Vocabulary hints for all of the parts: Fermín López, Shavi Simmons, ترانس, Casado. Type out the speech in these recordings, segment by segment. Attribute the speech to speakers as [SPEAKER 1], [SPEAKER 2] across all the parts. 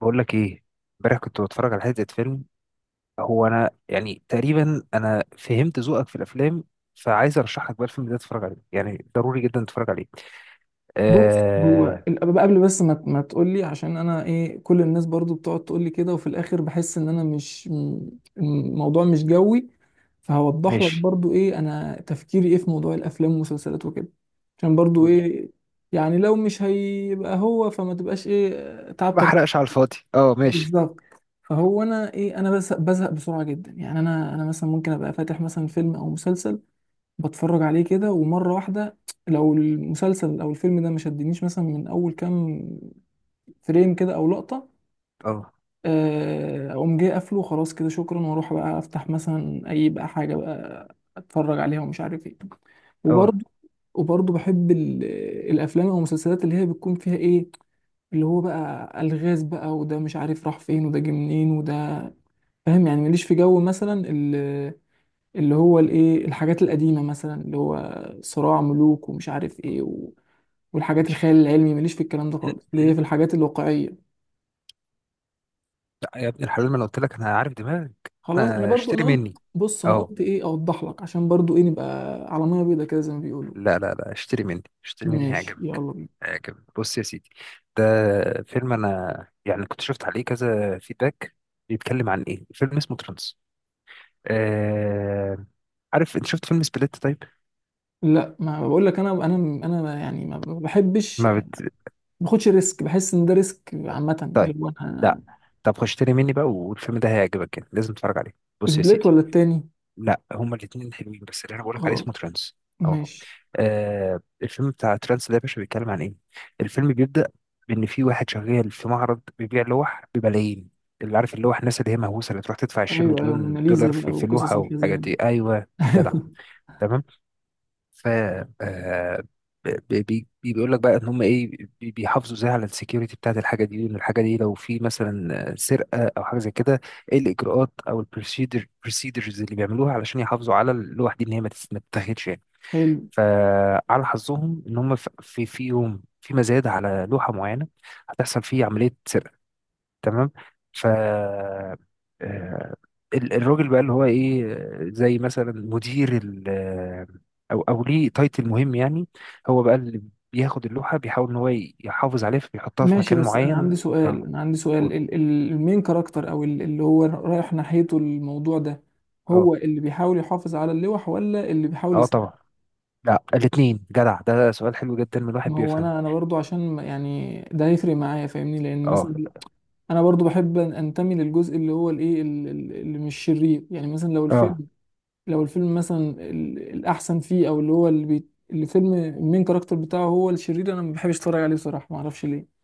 [SPEAKER 1] بقول لك ايه. امبارح كنت بتفرج على حته فيلم. هو انا يعني تقريبا انا فهمت ذوقك في الافلام، فعايز ارشح لك بقى الفيلم ده تتفرج عليه، يعني ضروري جدا تتفرج عليه.
[SPEAKER 2] بص، هو
[SPEAKER 1] آه.
[SPEAKER 2] قبل، بس ما تقول لي، عشان انا ايه، كل الناس برضو بتقعد تقول لي كده وفي الاخر بحس ان انا مش م- الموضوع مش جوي. فهوضح لك
[SPEAKER 1] ماشي.
[SPEAKER 2] برضو ايه انا، تفكيري ايه في موضوع الافلام والمسلسلات وكده. عشان برضو
[SPEAKER 1] قول لي.
[SPEAKER 2] ايه، يعني لو مش هيبقى هو فما تبقاش ايه
[SPEAKER 1] ما
[SPEAKER 2] تعبتك.
[SPEAKER 1] احرقش على الفاضي، اه ماشي.
[SPEAKER 2] بالظبط. فهو انا ايه، انا بس بزهق بسرعة جدا، يعني انا مثلا ممكن ابقى فاتح مثلا فيلم او مسلسل بتفرج عليه كده ومرة واحدة. لو المسلسل أو الفيلم ده ما شدنيش مثلا من أول كام فريم كده أو لقطة،
[SPEAKER 1] اه
[SPEAKER 2] أقوم جاي قافله خلاص كده شكرا وأروح بقى أفتح مثلا أي بقى حاجة بقى أتفرج عليها ومش عارف إيه.
[SPEAKER 1] اه
[SPEAKER 2] وبرضه وبرضه بحب الأفلام أو المسلسلات اللي هي بتكون فيها إيه، اللي هو بقى ألغاز بقى، وده مش عارف راح فين، وده جه منين، وده فاهم يعني. ماليش في جو مثلا، اللي هو الايه الحاجات القديمه، مثلا اللي هو صراع ملوك ومش عارف ايه والحاجات
[SPEAKER 1] ماشي.
[SPEAKER 2] الخيال العلمي، ماليش في الكلام ده خالص، اللي هي في الحاجات الواقعيه.
[SPEAKER 1] لا يا ابن الحلال، ما انا قلت لك انا عارف دماغك.
[SPEAKER 2] خلاص انا
[SPEAKER 1] انا
[SPEAKER 2] برضو انا
[SPEAKER 1] اشتري
[SPEAKER 2] قلت،
[SPEAKER 1] مني.
[SPEAKER 2] بص انا
[SPEAKER 1] اه.
[SPEAKER 2] قلت ايه، اوضح لك عشان برضو ايه نبقى على ميه بيضاء كده زي ما بيقولوا.
[SPEAKER 1] لا لا لا، اشتري مني اشتري مني
[SPEAKER 2] ماشي،
[SPEAKER 1] هيعجبك.
[SPEAKER 2] يلا بينا.
[SPEAKER 1] هيعجبك، بص يا سيدي. ده فيلم انا يعني كنت شفت عليه كذا فيدباك. بيتكلم عن ايه؟ فيلم اسمه ترانس. آه... عارف انت شفت فيلم سبليت؟ طيب.
[SPEAKER 2] لا، ما بقول لك، انا يعني ما بحبش،
[SPEAKER 1] ما
[SPEAKER 2] ما
[SPEAKER 1] بت...
[SPEAKER 2] باخدش ريسك، بحس ان ده ريسك عامه
[SPEAKER 1] طيب.
[SPEAKER 2] اللي هو
[SPEAKER 1] لا.
[SPEAKER 2] انا.
[SPEAKER 1] طب خش اشتري مني بقى، والفيلم ده هيعجبك، يعني لازم تتفرج عليه. بص يا
[SPEAKER 2] سبليت
[SPEAKER 1] سيدي.
[SPEAKER 2] ولا التاني؟
[SPEAKER 1] لا هما الاتنين حلوين، بس اللي انا بقولك عليه
[SPEAKER 2] خلاص
[SPEAKER 1] اسمه ترانس.
[SPEAKER 2] ماشي.
[SPEAKER 1] آه، الفيلم بتاع ترانس ده يا باشا بيتكلم عن ايه؟ الفيلم بيبدأ بإن في واحد شغال في معرض بيبيع لوح بملايين. اللي عارف اللوح، الناس اللي هي مهووسة اللي تروح تدفع 20
[SPEAKER 2] ايوه، ايوه،
[SPEAKER 1] مليون دولار
[SPEAKER 2] موناليزا بقى
[SPEAKER 1] في
[SPEAKER 2] وقصص
[SPEAKER 1] لوحة والحاجات
[SPEAKER 2] الحزينه
[SPEAKER 1] دي،
[SPEAKER 2] دي.
[SPEAKER 1] أيوه. جدع.
[SPEAKER 2] ايوه.
[SPEAKER 1] تمام. ف آه بيقول لك بقى ان هم ايه، بيحافظوا ازاي على السكيورتي بتاعت الحاجه دي، وان الحاجه دي لو في مثلا سرقه او حاجه زي كده، ايه الاجراءات او بروسيدرز اللي بيعملوها علشان يحافظوا على اللوح دي ان هي ما تتاخدش يعني.
[SPEAKER 2] حلو.
[SPEAKER 1] فعلى حظهم ان هم في يوم في مزاد على لوحه معينه هتحصل فيه عمليه سرقه. تمام. ف آه، الراجل بقى اللي هو ايه، زي مثلا مدير ال آه، او او ليه تايتل مهم يعني، هو بقى اللي بياخد اللوحه، بيحاول ان هو يحافظ عليها، فبيحطها في
[SPEAKER 2] ماشي
[SPEAKER 1] مكان
[SPEAKER 2] بس انا
[SPEAKER 1] معين.
[SPEAKER 2] عندي سؤال،
[SPEAKER 1] اه.
[SPEAKER 2] انا عندي سؤال،
[SPEAKER 1] قول.
[SPEAKER 2] المين كاركتر، اللي هو رايح ناحيته الموضوع ده،
[SPEAKER 1] اه
[SPEAKER 2] هو اللي بيحاول يحافظ على اللوح ولا اللي بيحاول
[SPEAKER 1] اه
[SPEAKER 2] يساعد؟
[SPEAKER 1] طبعا. لا الاثنين. جدع، ده سؤال حلو جدا من واحد
[SPEAKER 2] ما هو
[SPEAKER 1] بيفهم.
[SPEAKER 2] انا برضو عشان يعني ده هيفرق معايا فاهمني، لان
[SPEAKER 1] اه
[SPEAKER 2] مثلا انا برضو بحب انتمي للجزء اللي هو الايه اللي مش شرير. يعني مثلا لو
[SPEAKER 1] اه.
[SPEAKER 2] الفيلم، لو الفيلم مثلا الاحسن فيه، او اللي هو اللي بي الفيلم المين كاركتر بتاعه هو الشرير، انا ما بحبش اتفرج عليه بصراحة، ما اعرفش ليه.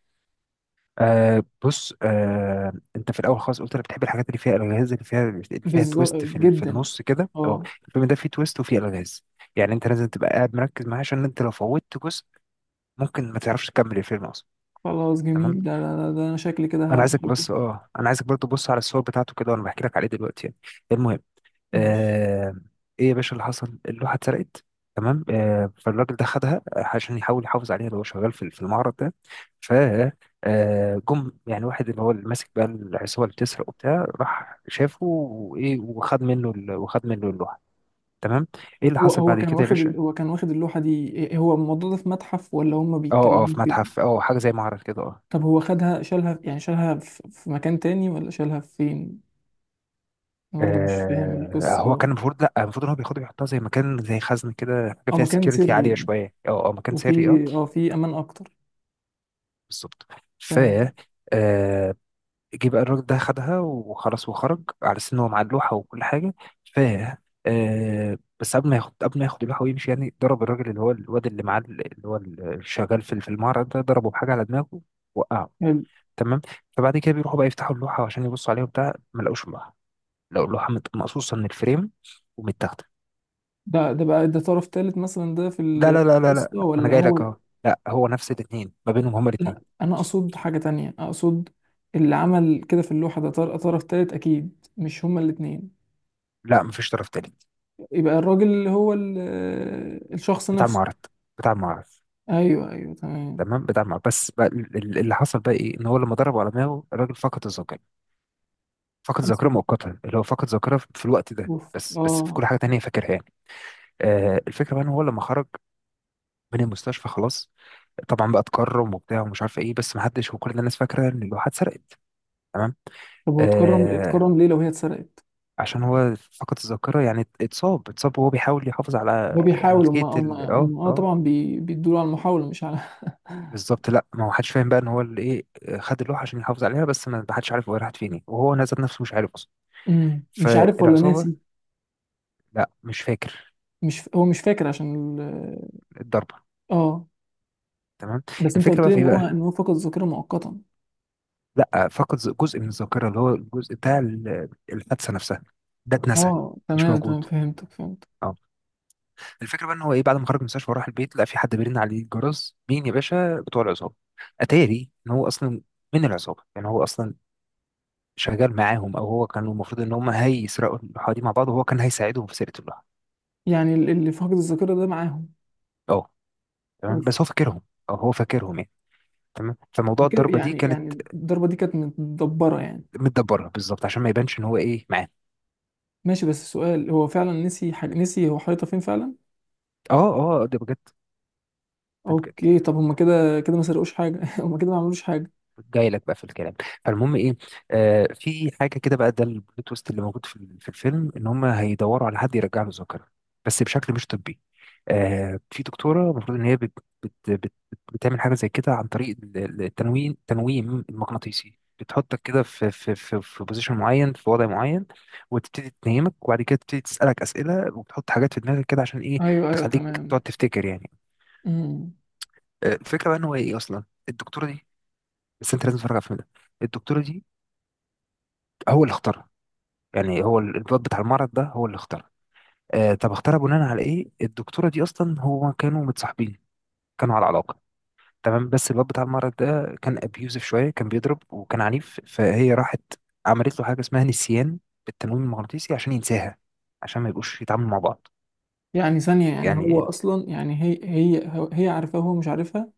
[SPEAKER 1] آه بص، آه انت في الاول خالص قلت انا بتحب الحاجات اللي فيها الغاز، اللي فيها
[SPEAKER 2] بالظبط
[SPEAKER 1] تويست في
[SPEAKER 2] جدا.
[SPEAKER 1] النص كده، اه.
[SPEAKER 2] اه.
[SPEAKER 1] الفيلم ده فيه تويست وفيه الغاز، يعني انت لازم تبقى قاعد مركز معاه، عشان انت لو فوتت جزء ممكن ما تعرفش تكمل الفيلم اصلا.
[SPEAKER 2] خلاص جميل،
[SPEAKER 1] تمام.
[SPEAKER 2] ده انا شكلي كده
[SPEAKER 1] انا عايزك
[SPEAKER 2] هحبه.
[SPEAKER 1] بس انا عايزك برضه تبص على الصور بتاعته كده وانا بحكي لك عليه دلوقتي يعني. المهم،
[SPEAKER 2] ماشي.
[SPEAKER 1] آه ايه يا باشا اللي حصل؟ اللوحه اتسرقت. تمام. فالراجل ده خدها عشان يحاول يحافظ عليها، اللي هو شغال في المعرض ده. ف آه، جم يعني واحد اللي هو اللي ماسك بقى العصابه اللي بتسرق وبتاع، راح شافه وايه، وخد منه اللوحه. تمام. ايه اللي حصل بعد كده يا باشا؟
[SPEAKER 2] هو كان واخد اللوحة دي هو الموضوع ده في متحف ولا هما
[SPEAKER 1] اه اه
[SPEAKER 2] بيتكلموا
[SPEAKER 1] في
[SPEAKER 2] فين؟
[SPEAKER 1] متحف، حاجه زي معرض كده، اه.
[SPEAKER 2] طب هو خدها، شالها يعني، شالها في مكان تاني ولا شالها فين؟ انا برضه مش فاهم
[SPEAKER 1] هو
[SPEAKER 2] القصة.
[SPEAKER 1] كان المفروض، لا المفروض ان هو بياخدها بيحطها زي مكان زي خزنه كده، حاجه
[SPEAKER 2] اه
[SPEAKER 1] فيها
[SPEAKER 2] مكان
[SPEAKER 1] سكيورتي عاليه
[SPEAKER 2] سري يعني،
[SPEAKER 1] شويه، اه اه، مكان
[SPEAKER 2] وفي،
[SPEAKER 1] سري، اه.
[SPEAKER 2] اه في امان اكتر.
[SPEAKER 1] بالظبط. ف
[SPEAKER 2] تمام.
[SPEAKER 1] آه، جه بقى الراجل ده خدها وخلاص وخرج على أساس إن هو معاه اللوحة وكل حاجة. ف آه بس قبل ما ياخد اللوحة ويمشي يعني، ضرب الراجل اللي هو الواد اللي معاه، اللي هو الشغال في المعرض ده، ضربه بحاجة على دماغه، وقعه.
[SPEAKER 2] حلو.
[SPEAKER 1] تمام. فبعد كده بيروحوا بقى يفتحوا اللوحة عشان يبصوا عليها وبتاع، ما لقوش اللوحة. لقوا اللوحة مقصوصة من الفريم ومتاخدة.
[SPEAKER 2] ده بقى، ده طرف تالت مثلا ده في
[SPEAKER 1] لا لا لا لا لا
[SPEAKER 2] القصة
[SPEAKER 1] لا، ما أنا
[SPEAKER 2] ولا
[SPEAKER 1] جاي لك
[SPEAKER 2] هو؟
[SPEAKER 1] أهو. لا، هو نفس الاتنين ما بينهم، هما الاتنين.
[SPEAKER 2] لا انا اقصد حاجة تانية، اقصد اللي عمل كده في اللوحة، ده طرف تالت اكيد، مش هما الاتنين.
[SPEAKER 1] لا مفيش طرف تالت.
[SPEAKER 2] يبقى الراجل هو الشخص
[SPEAKER 1] بتاع
[SPEAKER 2] نفسه.
[SPEAKER 1] المعرض. بتاع المعرض
[SPEAKER 2] ايوه، ايوه، تمام.
[SPEAKER 1] تمام. بدمع بس بقى، اللي حصل بقى ايه، ان هو لما ضربه على دماغه الراجل فقد الذاكره. فقد الذاكره
[SPEAKER 2] أسود.
[SPEAKER 1] مؤقتا، اللي هو فقد ذاكره في الوقت ده
[SPEAKER 2] اوف،
[SPEAKER 1] بس
[SPEAKER 2] اه.
[SPEAKER 1] بس في كل حاجه تانية فاكرها يعني. آه الفكره بقى ان هو لما خرج من المستشفى خلاص، طبعا بقى اتكرم وبتاع ومش عارف ايه، بس ما حدش، وكل الناس فاكره ان اللوحه اتسرقت. تمام.
[SPEAKER 2] طب هو اتكرم،
[SPEAKER 1] آه
[SPEAKER 2] اتكرم ليه لو هي اتسرقت؟
[SPEAKER 1] عشان هو فقد الذاكره يعني، اتصاب وهو بيحاول يحافظ على
[SPEAKER 2] هو بيحاول، هم
[SPEAKER 1] ملكيه
[SPEAKER 2] هم
[SPEAKER 1] ال، اه
[SPEAKER 2] هم اه
[SPEAKER 1] اه.
[SPEAKER 2] طبعا بيدوا على المحاولة مش على.
[SPEAKER 1] بالظبط، لا ما هو حدش فاهم بقى ان هو اللي ايه، خد اللوحه عشان يحافظ عليها، بس ما حدش عارف هو راحت فين إيه. وهو نزل نفسه مش عارف.
[SPEAKER 2] مش عارف ولا
[SPEAKER 1] فالعصابه.
[SPEAKER 2] ناسي؟
[SPEAKER 1] لا مش فاكر.
[SPEAKER 2] مش ف... هو مش فاكر عشان
[SPEAKER 1] الضربه.
[SPEAKER 2] اه.
[SPEAKER 1] تمام.
[SPEAKER 2] بس انت
[SPEAKER 1] الفكره
[SPEAKER 2] قلت
[SPEAKER 1] بقى
[SPEAKER 2] لي
[SPEAKER 1] في
[SPEAKER 2] ان
[SPEAKER 1] ايه
[SPEAKER 2] هو
[SPEAKER 1] بقى؟
[SPEAKER 2] ان هو فقد الذاكرة مؤقتا.
[SPEAKER 1] لا فقد جزء من الذاكره، اللي هو الجزء بتاع الحادثه نفسها، ده اتنسى،
[SPEAKER 2] اه
[SPEAKER 1] مش
[SPEAKER 2] تمام، تمام،
[SPEAKER 1] موجود.
[SPEAKER 2] فهمتك، فهمت.
[SPEAKER 1] اه. الفكره بقى ان هو ايه، بعد ما خرج من المستشفى وراح البيت لقى في حد بيرن عليه الجرس، مين يا باشا؟ بتوع العصابه. اتاري ان هو اصلا من العصابه، يعني هو اصلا شغال معاهم، او هو كان المفروض ان هم هيسرقوا اللوحه دي مع بعض، وهو كان هيساعدهم في سرقه اللوحه.
[SPEAKER 2] يعني اللي فقد الذاكرة ده معاهم.
[SPEAKER 1] اه. تمام بس
[SPEAKER 2] اوف.
[SPEAKER 1] هو فاكرهم، او هو فاكرهم يعني. تمام، فموضوع الضربه دي
[SPEAKER 2] يعني
[SPEAKER 1] كانت
[SPEAKER 2] يعني الضربة دي كانت متدبرة يعني.
[SPEAKER 1] متدبرها، بالظبط عشان ما يبانش ان هو ايه معاه.
[SPEAKER 2] ماشي بس السؤال، هو فعلا نسي حاجة، نسي هو حيطة فين فعلا؟
[SPEAKER 1] اه اه، ده بجد. ده بجد.
[SPEAKER 2] اوكي، طب هما كده كده ما سرقوش حاجة. هما كده ما عملوش حاجة.
[SPEAKER 1] جاي لك بقى في الكلام. فالمهم ايه، في حاجه كده بقى، ده البلوت تويست اللي موجود في الفيلم، ان هم هيدوروا على حد يرجع له الذاكره بس بشكل مش طبي. في دكتوره المفروض ان هي بت بت بت بت بتعمل حاجه زي كده، عن طريق التنويم المغناطيسي، بتحطك كده في بوزيشن معين، في وضع معين، وتبتدي تنيمك وبعد كده تبتدي تسالك اسئله وبتحط حاجات في دماغك كده عشان ايه،
[SPEAKER 2] ايوه، ايوه،
[SPEAKER 1] تخليك
[SPEAKER 2] تمام.
[SPEAKER 1] تقعد تفتكر يعني.
[SPEAKER 2] امم.
[SPEAKER 1] آه، الفكره بقى ان هو ايه اصلا، الدكتوره دي، بس انت لازم تتفرج على الفيلم ده، الدكتوره دي هو اللي اختارها، يعني هو الواد بتاع المرض ده هو اللي اختارها. آه، طب اختارها بناء على ايه؟ الدكتوره دي اصلا هو كانوا متصاحبين، كانوا على علاقه. تمام بس الواد بتاع المرض ده كان ابيوزف شويه، كان بيضرب وكان عنيف، فهي راحت عملت له حاجه اسمها نسيان بالتنويم المغناطيسي عشان ينساها، عشان ما يبقوش يتعاملوا مع بعض
[SPEAKER 2] يعني ثانية، يعني هو
[SPEAKER 1] يعني.
[SPEAKER 2] اصلا، يعني هي هي عارفاه وهو مش عارفها.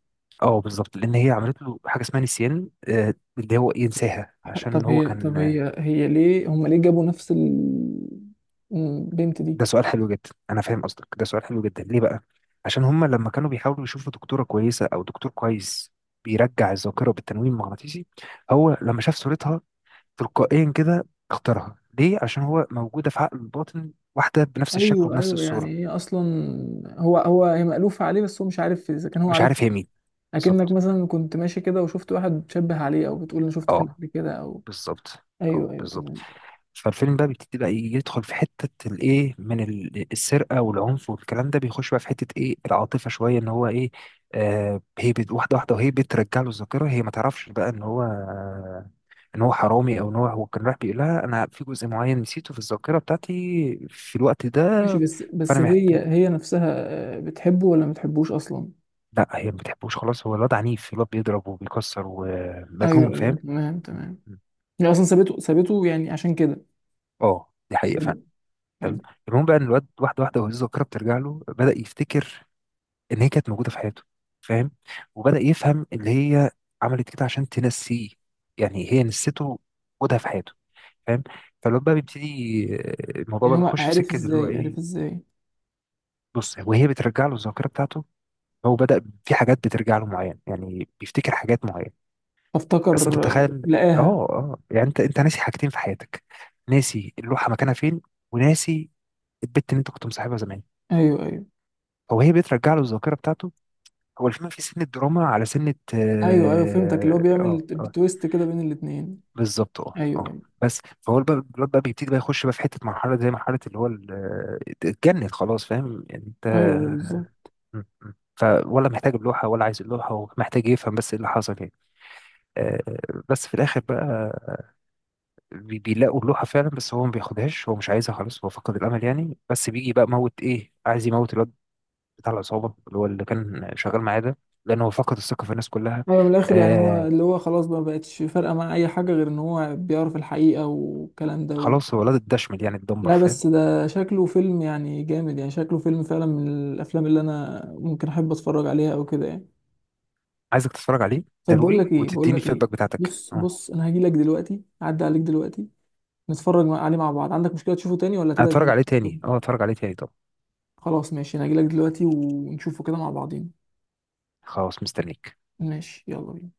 [SPEAKER 1] اه بالظبط، لان هي عملت له حاجه اسمها نسيان، اللي هو ينساها عشان
[SPEAKER 2] طب
[SPEAKER 1] هو
[SPEAKER 2] هي، طب
[SPEAKER 1] كان.
[SPEAKER 2] هي هي ليه هما ليه جابوا نفس البنت دي؟
[SPEAKER 1] ده سؤال حلو جدا، انا فاهم قصدك. ده سؤال حلو جدا ليه بقى؟ عشان هما لما كانوا بيحاولوا يشوفوا دكتوره كويسه او دكتور كويس بيرجع الذاكره بالتنويم المغناطيسي، هو لما شاف صورتها تلقائيا كده اختارها، ليه؟ عشان هو موجوده في عقل الباطن واحده بنفس الشكل
[SPEAKER 2] ايوه،
[SPEAKER 1] وبنفس
[SPEAKER 2] ايوه، يعني
[SPEAKER 1] الصوره،
[SPEAKER 2] هي اصلا، هو هي مألوفة عليه بس هو مش عارف اذا كان هو
[SPEAKER 1] مش
[SPEAKER 2] عارف.
[SPEAKER 1] عارف هي مين.
[SPEAKER 2] اكنك
[SPEAKER 1] بالظبط.
[SPEAKER 2] مثلا كنت ماشي كده وشفت واحد بتشبه عليه، او بتقول انا شفته فين
[SPEAKER 1] اه
[SPEAKER 2] قبل كده او.
[SPEAKER 1] بالظبط.
[SPEAKER 2] ايوه،
[SPEAKER 1] اه
[SPEAKER 2] ايوه،
[SPEAKER 1] بالظبط.
[SPEAKER 2] تمام.
[SPEAKER 1] فالفيلم بقى بيبتدي بقى يدخل في حتة الايه، من السرقة والعنف والكلام ده بيخش بقى في حتة ايه، العاطفة شوية، ان هو ايه، هي واحدة واحدة وهي بترجع له الذاكرة، هي ما تعرفش بقى ان هو ان هو حرامي، او ان هو كان رايح بيقول لها انا في جزء معين نسيته في الذاكرة بتاعتي في الوقت ده،
[SPEAKER 2] ماشي بس
[SPEAKER 1] فانا
[SPEAKER 2] هي
[SPEAKER 1] محتاج.
[SPEAKER 2] هي نفسها، بتحبه ولا ما بتحبوش اصلا؟
[SPEAKER 1] لا هي ما بتحبوش خلاص، هو الواد عنيف، الواد بيضرب وبيكسر ومجنون،
[SPEAKER 2] ايوه، ايوه،
[SPEAKER 1] فاهم.
[SPEAKER 2] تمام، تمام. هي اصلا سابته، سابته يعني عشان كده.
[SPEAKER 1] اه دي حقيقة
[SPEAKER 2] حلو.
[SPEAKER 1] فعلا. تمام.
[SPEAKER 2] حلو.
[SPEAKER 1] المهم بقى ان الواد واحدة واحدة وهي الذاكرة بترجع له، بدأ يفتكر ان هي كانت موجوده في حياته، فاهم، وبدا يفهم اللي هي عملت كده عشان تنسيه، يعني هي نسيته وجودها في حياته، فاهم. فالواد بقى بيبتدي، الموضوع
[SPEAKER 2] يعني
[SPEAKER 1] بقى
[SPEAKER 2] هو
[SPEAKER 1] بيخش في
[SPEAKER 2] عارف
[SPEAKER 1] سكه اللي هو
[SPEAKER 2] ازاي،
[SPEAKER 1] ايه،
[SPEAKER 2] عارف ازاي؟
[SPEAKER 1] بص، وهي بترجع له الذاكره بتاعته، هو بدا في حاجات بترجع له معين يعني بيفتكر حاجات معينه، بس انت
[SPEAKER 2] فافتكر
[SPEAKER 1] تخيل. اه
[SPEAKER 2] لقاها.
[SPEAKER 1] اه. يعني انت ناسي حاجتين في حياتك، ناسي اللوحه مكانها فين، وناسي البت اللي انت كنت مصاحبها زمان،
[SPEAKER 2] ايوه، ايوه.
[SPEAKER 1] هو هي بترجع له الذاكره بتاعته. هو الفيلم في سن الدراما على سنة،
[SPEAKER 2] ايوه، ايوه، فهمتك، اللي هو
[SPEAKER 1] اه
[SPEAKER 2] بيعمل
[SPEAKER 1] اه آه.
[SPEAKER 2] تويست كده بين الاتنين.
[SPEAKER 1] بالظبط اه اه.
[SPEAKER 2] ايوه، ايوه.
[SPEAKER 1] بس فهو الواد بقى بيبتدي بقى يخش بقى في حتة مرحلة زي مرحلة اللي هو اتجنن خلاص، فاهم يعني انت.
[SPEAKER 2] ايوه، ايوه، بالظبط.
[SPEAKER 1] م- م. فولا محتاج اللوحة ولا عايز اللوحة، ومحتاج يفهم بس ايه اللي حصل يعني. بس في الآخر بقى بيلاقوا اللوحة فعلا، بس هو ما بياخدهاش، هو مش عايزها خلاص، هو فقد الأمل يعني، بس بيجي بقى موت ايه، عايز يموت الواد بتاع العصابة اللي هو اللي كان شغال معاه ده، لأن هو فقد الثقة في الناس كلها.
[SPEAKER 2] ايوه، من الاخر يعني هو
[SPEAKER 1] آه،
[SPEAKER 2] اللي هو خلاص بقى ما بقتش فارقه مع اي حاجه، غير ان هو بيعرف الحقيقه والكلام ده.
[SPEAKER 1] خلاص هو ولاد الدشمل يعني الدمبر،
[SPEAKER 2] لا،
[SPEAKER 1] فاهم.
[SPEAKER 2] بس ده شكله فيلم يعني جامد، يعني شكله فيلم فعلا من الافلام اللي انا ممكن احب اتفرج عليها او كده يعني.
[SPEAKER 1] عايزك تتفرج عليه،
[SPEAKER 2] طب بقول
[SPEAKER 1] ضروري،
[SPEAKER 2] لك ايه، بقول
[SPEAKER 1] وتديني
[SPEAKER 2] لك ايه،
[SPEAKER 1] الفيدباك بتاعتك،
[SPEAKER 2] بص
[SPEAKER 1] اه.
[SPEAKER 2] بص انا هجي لك دلوقتي، اعدي عليك دلوقتي، نتفرج عليه مع بعض. عندك مشكلة تشوفه تاني ولا تبقى زي
[SPEAKER 1] هتفرج
[SPEAKER 2] ما
[SPEAKER 1] عليه تاني،
[SPEAKER 2] كنت؟
[SPEAKER 1] اه هتفرج عليه تاني، طب.
[SPEAKER 2] خلاص ماشي، انا هجي لك دلوقتي ونشوفه كده مع بعضين.
[SPEAKER 1] خلاص، مستنيك.
[SPEAKER 2] ماشي، يلا بينا.